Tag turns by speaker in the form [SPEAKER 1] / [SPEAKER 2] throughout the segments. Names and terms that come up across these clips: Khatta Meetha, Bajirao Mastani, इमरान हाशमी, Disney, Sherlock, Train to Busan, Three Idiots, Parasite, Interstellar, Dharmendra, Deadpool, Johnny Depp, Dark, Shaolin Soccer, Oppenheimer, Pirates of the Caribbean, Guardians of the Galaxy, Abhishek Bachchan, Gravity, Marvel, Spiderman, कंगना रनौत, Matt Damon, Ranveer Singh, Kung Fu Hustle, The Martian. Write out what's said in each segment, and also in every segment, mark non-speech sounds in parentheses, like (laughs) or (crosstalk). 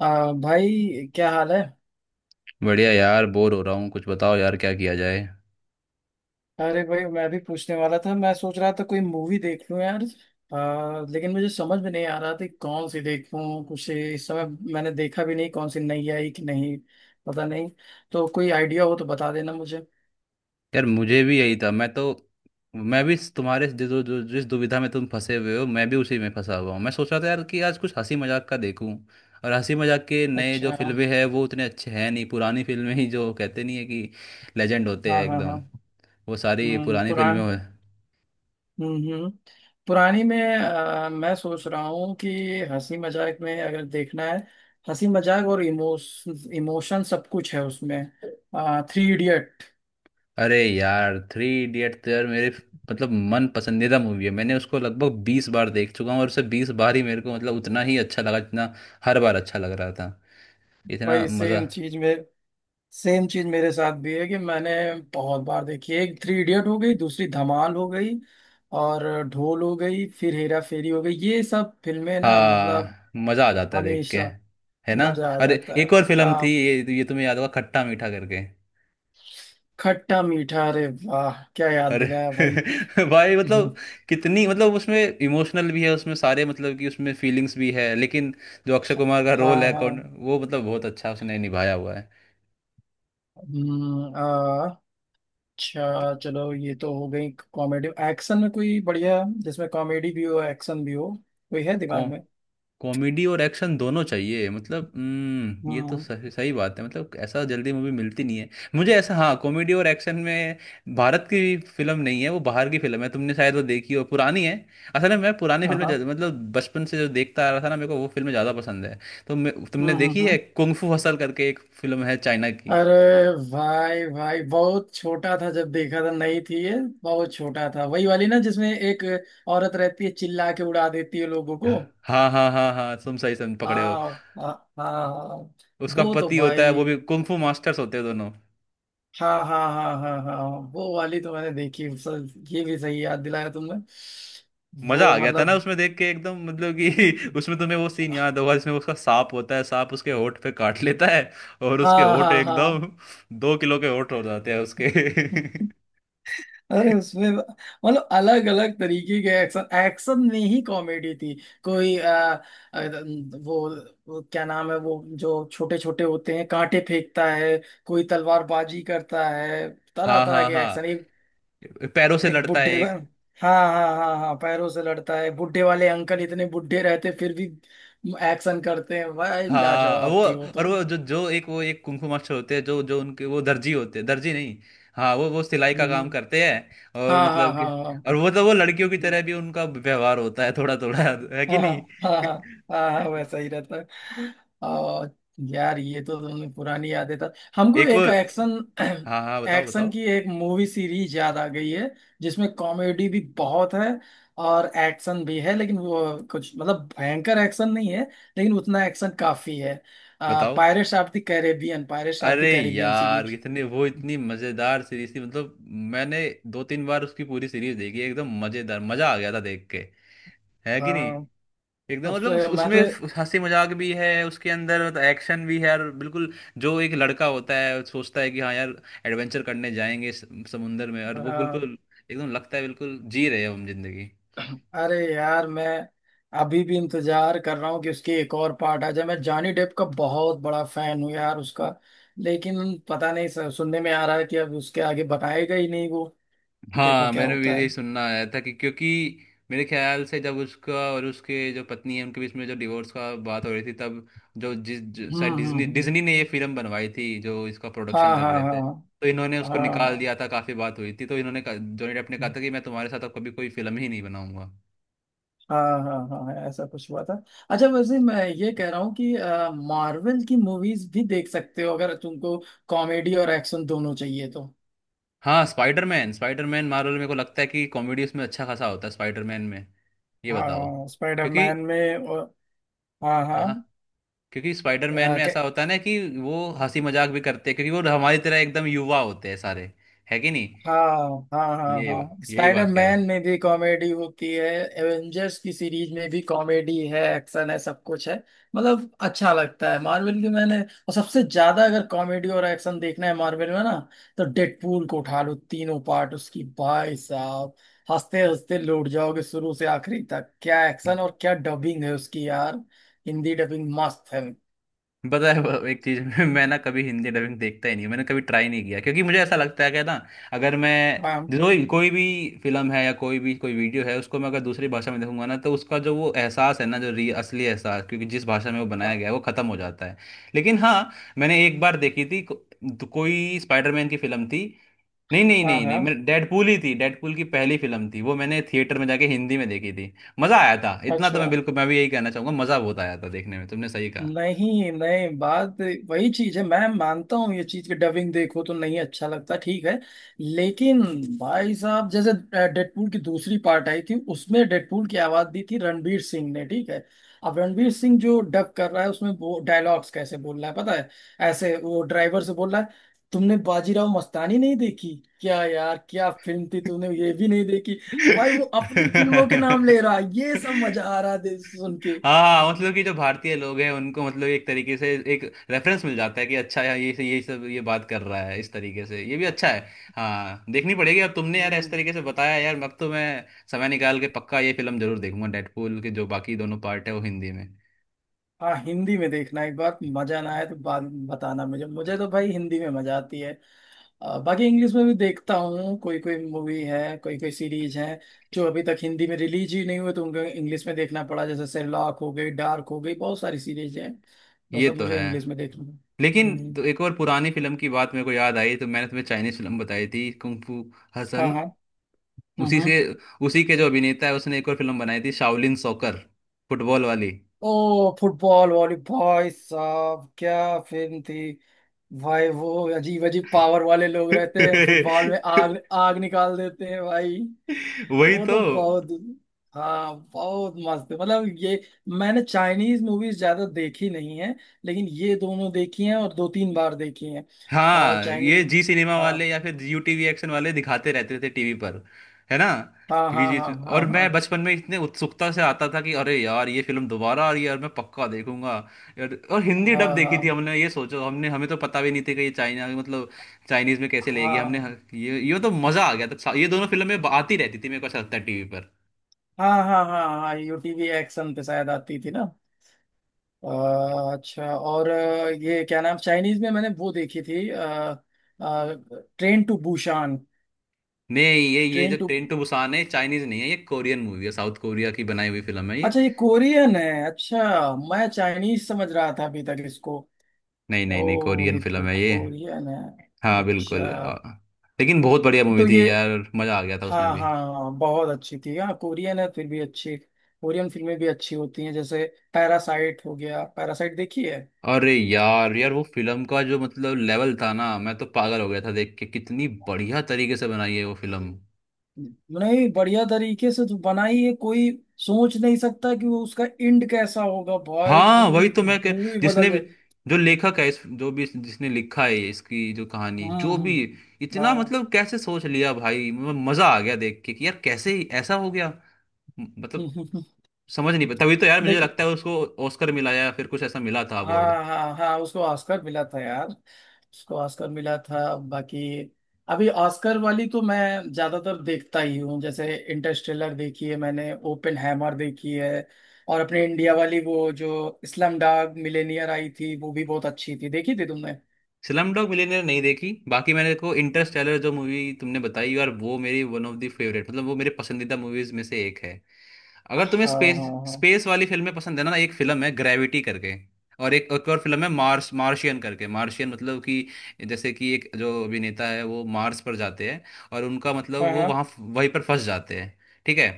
[SPEAKER 1] भाई, क्या हाल है।
[SPEAKER 2] बढ़िया यार, बोर हो रहा हूँ। कुछ बताओ यार, क्या किया जाए।
[SPEAKER 1] अरे भाई, मैं भी पूछने वाला था। मैं सोच रहा था कोई मूवी देख लूं यार। लेकिन मुझे समझ में नहीं आ रहा था कि कौन सी देखूं कुछ इस समय। मैंने देखा भी नहीं कौन सी नई आई कि नहीं। पता नहीं। तो कोई आइडिया हो तो बता देना मुझे।
[SPEAKER 2] यार मुझे भी यही था, मैं तो मैं भी तुम्हारे जिस दुविधा में तुम फंसे हुए हो, मैं भी उसी में फंसा हुआ हूँ। मैं सोच रहा था यार कि आज कुछ हंसी मजाक का देखूं। और हंसी मजाक के नए जो
[SPEAKER 1] अच्छा।
[SPEAKER 2] फिल्में हैं वो उतने अच्छे हैं नहीं, पुरानी फिल्में ही जो कहते नहीं है कि लेजेंड होते
[SPEAKER 1] हाँ,
[SPEAKER 2] हैं
[SPEAKER 1] हाँ,
[SPEAKER 2] एकदम।
[SPEAKER 1] हाँ।
[SPEAKER 2] वो सारी
[SPEAKER 1] हम्म,
[SPEAKER 2] पुरानी फिल्में
[SPEAKER 1] पुरान
[SPEAKER 2] हो।
[SPEAKER 1] हम्म, पुरानी में मैं सोच रहा हूँ कि हंसी मजाक में अगर देखना है, हंसी मजाक और इमोशन इमोशन सब कुछ है उसमें, थ्री इडियट।
[SPEAKER 2] अरे यार, थ्री इडियट तो यार मेरे मतलब मन पसंदीदा मूवी है। मैंने उसको लगभग 20 बार देख चुका हूँ और उसे 20 बार ही मेरे को मतलब उतना ही अच्छा लगा जितना हर बार अच्छा लग रहा था। इतना
[SPEAKER 1] वही
[SPEAKER 2] मजा।
[SPEAKER 1] सेम चीज में सेम चीज मेरे साथ भी है कि मैंने बहुत बार देखी है। एक थ्री इडियट हो गई, दूसरी धमाल हो गई, और ढोल हो गई, फिर हेरा फेरी हो गई, ये सब फिल्में ना मतलब
[SPEAKER 2] हाँ, मजा आ जाता है देख के।
[SPEAKER 1] हमेशा
[SPEAKER 2] है ना।
[SPEAKER 1] मजा आ
[SPEAKER 2] अरे
[SPEAKER 1] जाता है।
[SPEAKER 2] एक और फिल्म थी
[SPEAKER 1] हाँ।
[SPEAKER 2] ये तुम्हें याद होगा, खट्टा मीठा करके।
[SPEAKER 1] खट्टा मीठा, अरे वाह, क्या याद
[SPEAKER 2] अरे
[SPEAKER 1] दिलाया भाई।
[SPEAKER 2] (laughs) भाई मतलब कितनी मतलब उसमें इमोशनल भी है, उसमें सारे मतलब कि उसमें फीलिंग्स भी है, लेकिन जो अक्षय कुमार का
[SPEAKER 1] हाँ,
[SPEAKER 2] रोल है कौन
[SPEAKER 1] हाँ।
[SPEAKER 2] वो, मतलब बहुत अच्छा उसने निभाया हुआ है।
[SPEAKER 1] हम्म, आ, अच्छा चलो, ये तो हो गई कॉमेडी। एक्शन में कोई बढ़िया जिसमें कॉमेडी भी हो एक्शन भी हो, कोई है दिमाग
[SPEAKER 2] कौन।
[SPEAKER 1] में?
[SPEAKER 2] कॉमेडी और एक्शन दोनों चाहिए मतलब, हम्म, ये तो
[SPEAKER 1] हम्म।
[SPEAKER 2] सही सही बात है, मतलब ऐसा जल्दी मूवी मिलती नहीं है। मुझे ऐसा, हाँ, कॉमेडी और एक्शन में भारत की फिल्म नहीं है, वो बाहर की फिल्म है, तुमने शायद वो देखी हो, पुरानी है। असल में मैं पुरानी
[SPEAKER 1] हाँ,
[SPEAKER 2] फिल्में
[SPEAKER 1] हाँ।
[SPEAKER 2] ज्यादा- मतलब बचपन से जो देखता आ रहा था ना मेरे को वो फिल्में ज़्यादा पसंद है। तो मैं- तुमने
[SPEAKER 1] हम्म, हम्म,
[SPEAKER 2] देखी है कुंग फू हसल करके एक फिल्म है चाइना की।
[SPEAKER 1] अरे, भाई भाई, बहुत छोटा था जब देखा था, नहीं थी ये? बहुत छोटा था। वही वाली ना जिसमें एक औरत रहती है, चिल्ला के उड़ा देती है लोगों को।
[SPEAKER 2] हाँ हाँ हाँ हाँ, तुम सही सम पकड़े हो।
[SPEAKER 1] हाँ, हाँ, हाँ।
[SPEAKER 2] उसका
[SPEAKER 1] वो तो
[SPEAKER 2] पति होता है, वो
[SPEAKER 1] भाई,
[SPEAKER 2] भी कुंग फू मास्टर्स होते हैं दोनों।
[SPEAKER 1] हाँ, हाँ, हाँ, हाँ, हाँ, वो वाली तो मैंने देखी, सर। ये भी सही याद दिलाया तुमने।
[SPEAKER 2] मजा
[SPEAKER 1] वो
[SPEAKER 2] आ गया था ना
[SPEAKER 1] मतलब,
[SPEAKER 2] उसमें देख के एकदम, मतलब कि (laughs) उसमें तुम्हें वो सीन याद होगा जिसमें उसका सांप होता है, सांप उसके होंठ पे काट लेता है, और उसके
[SPEAKER 1] हाँ,
[SPEAKER 2] होंठ
[SPEAKER 1] हाँ, हाँ।
[SPEAKER 2] एकदम (laughs) 2 किलो के होंठ हो जाते हैं उसके।
[SPEAKER 1] अरे उसमें मतलब अलग अलग तरीके के एक्शन, एक्शन में ही कॉमेडी थी। कोई आ, आ, वो, वो क्या नाम है वो जो छोटे छोटे होते हैं, कांटे फेंकता है, कोई तलवारबाजी करता है,
[SPEAKER 2] (laughs)
[SPEAKER 1] तरह
[SPEAKER 2] हाँ
[SPEAKER 1] तरह
[SPEAKER 2] हाँ
[SPEAKER 1] के
[SPEAKER 2] हाँ,
[SPEAKER 1] एक्शन। एक
[SPEAKER 2] पैरों से
[SPEAKER 1] एक
[SPEAKER 2] लड़ता है
[SPEAKER 1] बुढ़े,
[SPEAKER 2] एक।
[SPEAKER 1] हाँ, हाँ, हाँ, हाँ, पैरों से लड़ता है बुढ़े वाले अंकल, इतने बुढ़े रहते फिर भी एक्शन करते हैं भाई,
[SPEAKER 2] हाँ,
[SPEAKER 1] लाजवाब
[SPEAKER 2] वो
[SPEAKER 1] थी वो
[SPEAKER 2] और
[SPEAKER 1] तो।
[SPEAKER 2] वो जो जो एक वो एक कुंफू मास्टर होते हैं, जो जो उनके वो दर्जी होते हैं, दर्जी नहीं। हाँ, वो सिलाई का
[SPEAKER 1] हम्म,
[SPEAKER 2] काम
[SPEAKER 1] हम्म।
[SPEAKER 2] करते हैं, और
[SPEAKER 1] हाँ हाँ,
[SPEAKER 2] मतलब कि
[SPEAKER 1] हाँ,
[SPEAKER 2] और वो तो वो लड़कियों की
[SPEAKER 1] हाँ।
[SPEAKER 2] तरह भी उनका व्यवहार होता है थोड़ा थोड़ा। है कि
[SPEAKER 1] हाँ,
[SPEAKER 2] नहीं।
[SPEAKER 1] हाँ।
[SPEAKER 2] (laughs)
[SPEAKER 1] हाँ, हाँ, वैसा ही रहता है। और यार, ये तो तुमने पुरानी यादें था हमको।
[SPEAKER 2] एक
[SPEAKER 1] एक
[SPEAKER 2] और।
[SPEAKER 1] एक्शन
[SPEAKER 2] हाँ हाँ, बताओ
[SPEAKER 1] एक्शन
[SPEAKER 2] बताओ
[SPEAKER 1] की एक मूवी सीरीज याद आ गई है जिसमें कॉमेडी भी बहुत है और एक्शन भी है, लेकिन वो कुछ मतलब भयंकर एक्शन नहीं है, लेकिन उतना एक्शन काफी है।
[SPEAKER 2] बताओ।
[SPEAKER 1] पायरेट्स ऑफ द
[SPEAKER 2] अरे
[SPEAKER 1] कैरेबियन
[SPEAKER 2] यार,
[SPEAKER 1] सीरीज।
[SPEAKER 2] इतने वो इतनी मजेदार सीरीज थी, मतलब मैंने 2-3 बार उसकी पूरी सीरीज देखी, एकदम मजेदार, मजा आ गया था देख के। है कि नहीं।
[SPEAKER 1] हाँ।
[SPEAKER 2] एकदम
[SPEAKER 1] अब
[SPEAKER 2] मतलब
[SPEAKER 1] से
[SPEAKER 2] उस-
[SPEAKER 1] मैं
[SPEAKER 2] उसमें
[SPEAKER 1] तो,
[SPEAKER 2] हंसी मजाक भी है उसके अंदर, मतलब एक्शन भी है यार, बिल्कुल। जो एक लड़का होता है, सोचता है कि हाँ यार, एडवेंचर करने जाएंगे समुंदर में, और वो
[SPEAKER 1] हाँ,
[SPEAKER 2] बिल्कुल एकदम लगता है बिल्कुल जी रहे हैं हम जिंदगी।
[SPEAKER 1] अरे यार, मैं अभी भी इंतजार कर रहा हूँ कि उसकी एक और पार्ट आ जाए। मैं जॉनी डेप का बहुत बड़ा फैन हूँ यार, उसका। लेकिन पता नहीं सर, सुनने में आ रहा है कि अब उसके आगे बताएगा ही नहीं वो। देखो
[SPEAKER 2] हाँ,
[SPEAKER 1] क्या
[SPEAKER 2] मैंने भी
[SPEAKER 1] होता
[SPEAKER 2] यही
[SPEAKER 1] है।
[SPEAKER 2] सुनना आया था, कि क्योंकि मेरे ख्याल से जब उसका और उसके जो पत्नी है उनके बीच में जो डिवोर्स का बात हो रही थी, तब जो जिस जो-
[SPEAKER 1] हम्म,
[SPEAKER 2] शायद
[SPEAKER 1] हम्म,
[SPEAKER 2] डिज्नी
[SPEAKER 1] हम्म।
[SPEAKER 2] डिज्नी ने ये फिल्म बनवाई थी, जो इसका प्रोडक्शन
[SPEAKER 1] हाँ,
[SPEAKER 2] कर
[SPEAKER 1] हाँ,
[SPEAKER 2] रहे थे,
[SPEAKER 1] हाँ।
[SPEAKER 2] तो इन्होंने उसको निकाल
[SPEAKER 1] हाँ।
[SPEAKER 2] दिया था, काफी बात हुई थी, तो इन्होंने कहा- जॉनी डेप ने कहा था कि मैं तुम्हारे साथ अब कभी कोई फिल्म ही नहीं बनाऊंगा।
[SPEAKER 1] हाँ, हाँ, हाँ, हाँ, ऐसा कुछ हुआ था। अच्छा वैसे मैं ये कह रहा हूँ कि मार्वल की मूवीज भी देख सकते हो, अगर तुमको कॉमेडी और एक्शन दोनों चाहिए तो।
[SPEAKER 2] हाँ स्पाइडरमैन, स्पाइडरमैन मार्वल मेरे को लगता है कि कॉमेडी उसमें अच्छा खासा होता है, स्पाइडरमैन में। ये बताओ,
[SPEAKER 1] हाँ
[SPEAKER 2] क्योंकि,
[SPEAKER 1] स्पाइडरमैन में, और हाँ, हाँ,
[SPEAKER 2] हाँ, क्योंकि स्पाइडरमैन में ऐसा होता है ना कि वो हंसी मजाक भी करते हैं, क्योंकि वो हमारी तरह एकदम युवा होते हैं सारे। है कि नहीं।
[SPEAKER 1] हाँ, हाँ, हाँ,
[SPEAKER 2] ये
[SPEAKER 1] हाँ,
[SPEAKER 2] यही बात कह रहा
[SPEAKER 1] स्पाइडरमैन
[SPEAKER 2] था।
[SPEAKER 1] में भी कॉमेडी होती है। एवेंजर्स की सीरीज में भी कॉमेडी है, एक्शन है, सब कुछ है। मतलब अच्छा लगता है मार्वल की। मैंने, और सबसे ज्यादा अगर कॉमेडी और एक्शन देखना है मार्वल में ना, तो डेडपूल को उठा लो, तीनों पार्ट उसकी भाई साहब। हंसते हंसते लौट जाओगे शुरू से आखिरी तक। क्या एक्शन और क्या डबिंग है उसकी यार, हिंदी डबिंग मस्त है।
[SPEAKER 2] पता है वो एक चीज (laughs) मैं ना कभी हिंदी डबिंग देखता ही नहीं हूं, मैंने कभी ट्राई नहीं किया, क्योंकि मुझे ऐसा लगता है कि ना अगर मैं
[SPEAKER 1] हाँ,
[SPEAKER 2] जो कोई भी फिल्म है या कोई भी कोई वीडियो है उसको मैं अगर दूसरी भाषा में देखूंगा ना, तो उसका जो वो एहसास है ना, जो री असली एहसास, क्योंकि जिस भाषा में वो बनाया
[SPEAKER 1] हाँ,
[SPEAKER 2] गया है वो खत्म हो जाता है। लेकिन हाँ, मैंने एक बार देखी थी कोई स्पाइडरमैन की फिल्म थी, नहीं नहीं
[SPEAKER 1] हाँ,
[SPEAKER 2] नहीं नहीं, मेरे
[SPEAKER 1] हाँ।
[SPEAKER 2] डेडपूल ही थी, डेडपूल की पहली फिल्म थी वो, मैंने थिएटर में जाके हिंदी में देखी थी। मजा आया था इतना, तो मैं
[SPEAKER 1] अच्छा।
[SPEAKER 2] बिल्कुल मैं भी यही कहना चाहूंगा, मजा बहुत आया था देखने में, तुमने सही कहा।
[SPEAKER 1] नहीं, नहीं, बात वही चीज है। मैं मानता हूँ ये चीज कि डबिंग देखो तो नहीं अच्छा लगता, ठीक है, लेकिन भाई साहब, जैसे डेडपूल की दूसरी पार्ट आई थी, उसमें डेडपूल की आवाज दी थी रणवीर सिंह ने, ठीक है? अब रणवीर सिंह जो डब कर रहा है उसमें वो डायलॉग्स कैसे बोल रहा है, पता है? ऐसे वो ड्राइवर से बोल रहा है, तुमने बाजीराव मस्तानी नहीं देखी? क्या यार, क्या फिल्म थी, तूने ये भी नहीं देखी? भाई, वो अपनी फिल्मों के नाम ले रहा है, ये सब मजा
[SPEAKER 2] (laughs)
[SPEAKER 1] आ रहा है सुन के।
[SPEAKER 2] हाँ, मतलब कि जो भारतीय लोग हैं उनको मतलब एक तरीके से एक रेफरेंस मिल जाता है कि अच्छा यार ये सब ये बात कर रहा है इस तरीके से, ये भी अच्छा है। हाँ, देखनी पड़ेगी अब, तुमने यार इस
[SPEAKER 1] हम्म।
[SPEAKER 2] तरीके से बताया यार, अब तो मैं समय निकाल के पक्का ये फिल्म जरूर देखूंगा, डेडपूल के जो बाकी दोनों पार्ट है वो हिंदी में।
[SPEAKER 1] हाँ, हिंदी में देखना, एक बार मजा ना आए तो बाद में बताना मुझे। मुझे तो भाई हिंदी में मजा आती है। बाकी इंग्लिश में भी देखता हूँ, कोई कोई मूवी है, कोई कोई सीरीज है जो अभी तक हिंदी में रिलीज ही नहीं हुए, तो उनको इंग्लिश में देखना पड़ा, जैसे शेरलॉक हो गई, डार्क हो गई, बहुत सारी सीरीज है। वो
[SPEAKER 2] ये
[SPEAKER 1] सब
[SPEAKER 2] तो
[SPEAKER 1] मुझे
[SPEAKER 2] है।
[SPEAKER 1] इंग्लिश में देखना है।
[SPEAKER 2] लेकिन
[SPEAKER 1] हम्म।
[SPEAKER 2] तो एक और पुरानी फिल्म की बात मेरे को याद आई, तो मैंने तुम्हें चाइनीज फिल्म बताई थी, कुंग फू
[SPEAKER 1] हाँ,
[SPEAKER 2] हसल।
[SPEAKER 1] हाँ, हाँ,
[SPEAKER 2] उसी
[SPEAKER 1] हाँ।
[SPEAKER 2] से, उसी के जो अभिनेता है उसने एक और फिल्म बनाई थी, शाओलिन सॉकर, फुटबॉल वाली।
[SPEAKER 1] ओ फुटबॉल वाली, भाई साहब क्या फिल्म थी। भाई वो अजीब अजीब पावर वाले लोग रहते हैं,
[SPEAKER 2] (laughs)
[SPEAKER 1] फुटबॉल में आग, आग निकाल देते हैं भाई।
[SPEAKER 2] वही
[SPEAKER 1] वो
[SPEAKER 2] तो।
[SPEAKER 1] तो बहुत, हाँ, बहुत मस्त है। मतलब ये, मैंने चाइनीज मूवीज ज्यादा देखी नहीं है, लेकिन ये दोनों देखी हैं और दो तीन बार देखी हैं। और
[SPEAKER 2] हाँ, ये
[SPEAKER 1] चाइनीज,
[SPEAKER 2] जी सिनेमा
[SPEAKER 1] हाँ,
[SPEAKER 2] वाले या फिर यू टीवी एक्शन वाले दिखाते रहते थे टीवी पर। है ना।
[SPEAKER 1] हाँ,
[SPEAKER 2] वी
[SPEAKER 1] हाँ, हाँ,
[SPEAKER 2] जी, और
[SPEAKER 1] हाँ,
[SPEAKER 2] मैं बचपन में इतने उत्सुकता से आता था कि अरे यार ये फिल्म दोबारा आ रही है और मैं पक्का देखूंगा यार। और हिंदी डब
[SPEAKER 1] हाँ,
[SPEAKER 2] देखी थी
[SPEAKER 1] हाँ,
[SPEAKER 2] हमने, ये सोचो, हमने हमें तो पता भी नहीं थी कि ये चाइना मतलब चाइनीज में कैसे लेगी
[SPEAKER 1] हाँ,
[SPEAKER 2] हमने। ये तो मजा आ गया था, ये दोनों फिल्में आती रहती थी मेरे को ऐसा लगता है टीवी पर।
[SPEAKER 1] हाँ, हाँ, हाँ, हाँ, हाँ, यूटीवी एक्शन पे शायद आती थी ना। अ, अच्छा और ये क्या नाम, चाइनीज में मैंने वो देखी थी, ट्रेन टू बुशान।
[SPEAKER 2] नहीं ये जो
[SPEAKER 1] train to
[SPEAKER 2] train to Busan है चाइनीज नहीं है, ये कोरियन मूवी है, साउथ कोरिया की बनाई हुई फिल्म है ये।
[SPEAKER 1] अच्छा, ये कोरियन है, अच्छा। मैं चाइनीज समझ रहा था अभी तक इसको।
[SPEAKER 2] नहीं नहीं नहीं,
[SPEAKER 1] ओ
[SPEAKER 2] कोरियन
[SPEAKER 1] ये
[SPEAKER 2] फिल्म है ये।
[SPEAKER 1] कोरियन है,
[SPEAKER 2] हाँ बिल्कुल।
[SPEAKER 1] अच्छा।
[SPEAKER 2] लेकिन बहुत बढ़िया मूवी
[SPEAKER 1] तो ये,
[SPEAKER 2] थी यार, मजा आ गया था
[SPEAKER 1] हाँ,
[SPEAKER 2] उसमें भी।
[SPEAKER 1] हाँ, हाँ, बहुत अच्छी थी, हाँ कोरियन है फिर भी अच्छी। कोरियन फिल्में भी अच्छी होती हैं, जैसे पैरासाइट हो गया, पैरासाइट देखी है?
[SPEAKER 2] अरे यार यार वो फिल्म का जो मतलब लेवल था ना, मैं तो पागल हो गया था देख के, कितनी बढ़िया तरीके से बनाई है वो फिल्म।
[SPEAKER 1] नहीं, बढ़िया तरीके से तो बनाई है, कोई सोच नहीं सकता कि वो उसका एंड कैसा होगा भाई,
[SPEAKER 2] हाँ वही
[SPEAKER 1] पूरी
[SPEAKER 2] तो मैं कह,
[SPEAKER 1] मूवी
[SPEAKER 2] जिसने
[SPEAKER 1] बदल
[SPEAKER 2] भी,
[SPEAKER 1] जाए।
[SPEAKER 2] जो लेखक है इस जो भी इस- जिसने लिखा है इसकी जो कहानी
[SPEAKER 1] हाँ,
[SPEAKER 2] जो भी, इतना
[SPEAKER 1] हाँ,
[SPEAKER 2] मतलब कैसे सोच लिया भाई। मजा आ गया देख के कि यार कैसे ही ऐसा हो गया। मतलब
[SPEAKER 1] हाँ।
[SPEAKER 2] समझ नहीं पा, तभी
[SPEAKER 1] (laughs)
[SPEAKER 2] तो यार मुझे
[SPEAKER 1] लेकिन,
[SPEAKER 2] लगता है उसको ऑस्कर मिला या फिर कुछ ऐसा मिला था अवार्ड।
[SPEAKER 1] हाँ, हाँ, हाँ, उसको ऑस्कर मिला था यार, उसको ऑस्कर मिला था। बाकी अभी ऑस्कर वाली तो मैं ज्यादातर देखता ही हूँ, जैसे इंटरस्टेलर देखी है मैंने, ओपन हैमर देखी है। और अपने इंडिया वाली वो जो इस्लाम डाग मिलेनियर आई थी, वो भी बहुत अच्छी थी, देखी थी तुमने?
[SPEAKER 2] स्लम डॉग मिलियनेयर नहीं देखी, बाकी मैंने देखो इंटरस्टेलर जो मूवी तुमने बताई यार, वो मेरी वन ऑफ द फेवरेट, मतलब वो मेरे पसंदीदा मूवीज में से एक है। अगर तुम्हें
[SPEAKER 1] हाँ,
[SPEAKER 2] स्पेस
[SPEAKER 1] हाँ,
[SPEAKER 2] स्पेस वाली फिल्में पसंद है ना, एक फिल्म है ग्रेविटी करके, और एक एक और फिल्म है, मार्स मार्शियन करके, मार्शियन मतलब कि जैसे कि एक जो अभिनेता है वो मार्स पर जाते हैं, और उनका मतलब
[SPEAKER 1] हाँ, हाँ,
[SPEAKER 2] वो
[SPEAKER 1] हाँ।
[SPEAKER 2] वहाँ वहीं पर फंस जाते हैं। ठीक है।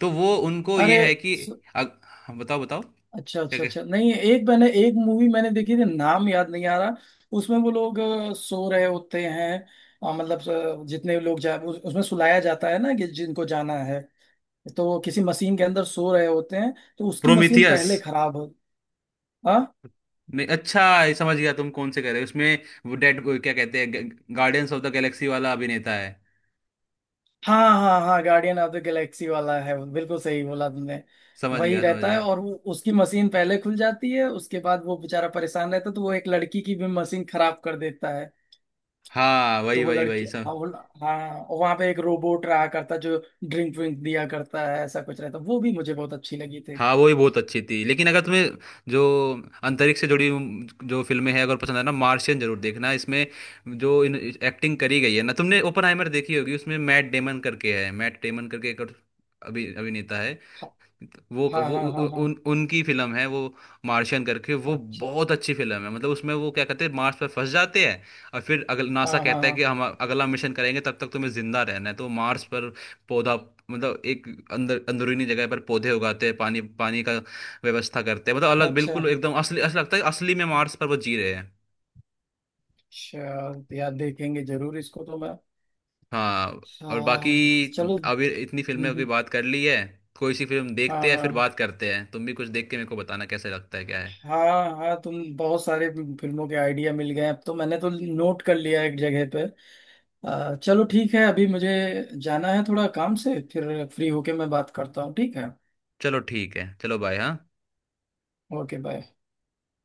[SPEAKER 2] तो वो उनको ये
[SPEAKER 1] अरे,
[SPEAKER 2] है कि
[SPEAKER 1] स-
[SPEAKER 2] अग, बताओ बताओ। क्या
[SPEAKER 1] अच्छा, अच्छा,
[SPEAKER 2] क्या।
[SPEAKER 1] अच्छा, नहीं एक मूवी मैंने देखी थी, नाम याद नहीं आ रहा। उसमें वो लोग सो रहे होते हैं, मतलब जितने लोग उसमें सुलाया जाता है ना, कि जिनको जाना है, तो वो किसी मशीन के अंदर सो रहे होते हैं, तो उसकी मशीन
[SPEAKER 2] प्रोमीथियस।
[SPEAKER 1] पहले खराब हो, हाँ,
[SPEAKER 2] नहीं अच्छा ये समझ गया तुम कौन से कह रहे हो, उसमें वो डेड क्या कहते हैं, गार्डियंस ऑफ द गैलेक्सी वाला अभिनेता है।
[SPEAKER 1] हाँ, हाँ, हाँ, गार्डियन ऑफ द गैलेक्सी वाला है, बिल्कुल सही बोला तुमने।
[SPEAKER 2] समझ
[SPEAKER 1] वही
[SPEAKER 2] गया समझ
[SPEAKER 1] रहता है,
[SPEAKER 2] गया।
[SPEAKER 1] और वो उसकी मशीन पहले खुल जाती है, उसके बाद वो बेचारा परेशान रहता है, तो वो एक लड़की की भी मशीन खराब कर देता है,
[SPEAKER 2] हाँ
[SPEAKER 1] तो
[SPEAKER 2] वही
[SPEAKER 1] वो
[SPEAKER 2] वही वही
[SPEAKER 1] लड़की, हाँ
[SPEAKER 2] सब।
[SPEAKER 1] वो, हाँ, वहां पे एक रोबोट रहा करता जो ड्रिंक विंक दिया करता है, ऐसा कुछ रहता, वो भी मुझे बहुत अच्छी लगी थी।
[SPEAKER 2] हाँ वो ही बहुत अच्छी थी, लेकिन अगर तुम्हें जो अंतरिक्ष से जुड़ी हुई जो फिल्में हैं अगर पसंद है ना, मार्शियन जरूर देखना, इसमें जो इन एक्टिंग करी गई है ना। तुमने ओपनहाइमर देखी होगी, उसमें मैट डेमन करके है, मैट डेमन करके एक और अभिनेता है,
[SPEAKER 1] हाँ, हाँ,
[SPEAKER 2] वो उ,
[SPEAKER 1] हाँ,
[SPEAKER 2] उ,
[SPEAKER 1] हाँ, हाँ,
[SPEAKER 2] उन उनकी फिल्म है वो, मार्शियन करके वो।
[SPEAKER 1] अच्छा,
[SPEAKER 2] बहुत अच्छी फिल्म है, मतलब उसमें वो क्या कहते हैं मार्स पर फंस जाते हैं, और फिर अगल NASA
[SPEAKER 1] हाँ, हाँ,
[SPEAKER 2] कहता है कि
[SPEAKER 1] हाँ,
[SPEAKER 2] हम अगला मिशन करेंगे तब तक तुम्हें जिंदा रहना है, तो मार्स पर पौधा, मतलब एक अंदरूनी जगह पर पौधे उगाते हैं, पानी पानी का व्यवस्था करते हैं, मतलब अलग
[SPEAKER 1] अच्छा
[SPEAKER 2] बिल्कुल एकदम, असली असली लगता है, असली में मार्स पर वो जी रहे हैं।
[SPEAKER 1] चल यार, देखेंगे जरूर इसको तो मैं,
[SPEAKER 2] हाँ, और बाकी
[SPEAKER 1] हाँ
[SPEAKER 2] तुम
[SPEAKER 1] चलो।
[SPEAKER 2] अभी इतनी फिल्में की
[SPEAKER 1] हम्म,
[SPEAKER 2] बात कर ली है, कोई सी फिल्म
[SPEAKER 1] हाँ,
[SPEAKER 2] देखते हैं फिर
[SPEAKER 1] हाँ,
[SPEAKER 2] बात करते हैं, तुम भी कुछ देख के मेरे को बताना कैसे लगता है क्या है।
[SPEAKER 1] हाँ, हाँ, तुम बहुत सारे फिल्मों के आइडिया मिल गए अब तो, मैंने तो नोट कर लिया एक जगह पे। चलो ठीक है, अभी मुझे जाना है थोड़ा काम से, फिर फ्री होके मैं बात करता हूँ, ठीक है।
[SPEAKER 2] चलो ठीक है, चलो, बाय, हाँ।
[SPEAKER 1] Okay, bye.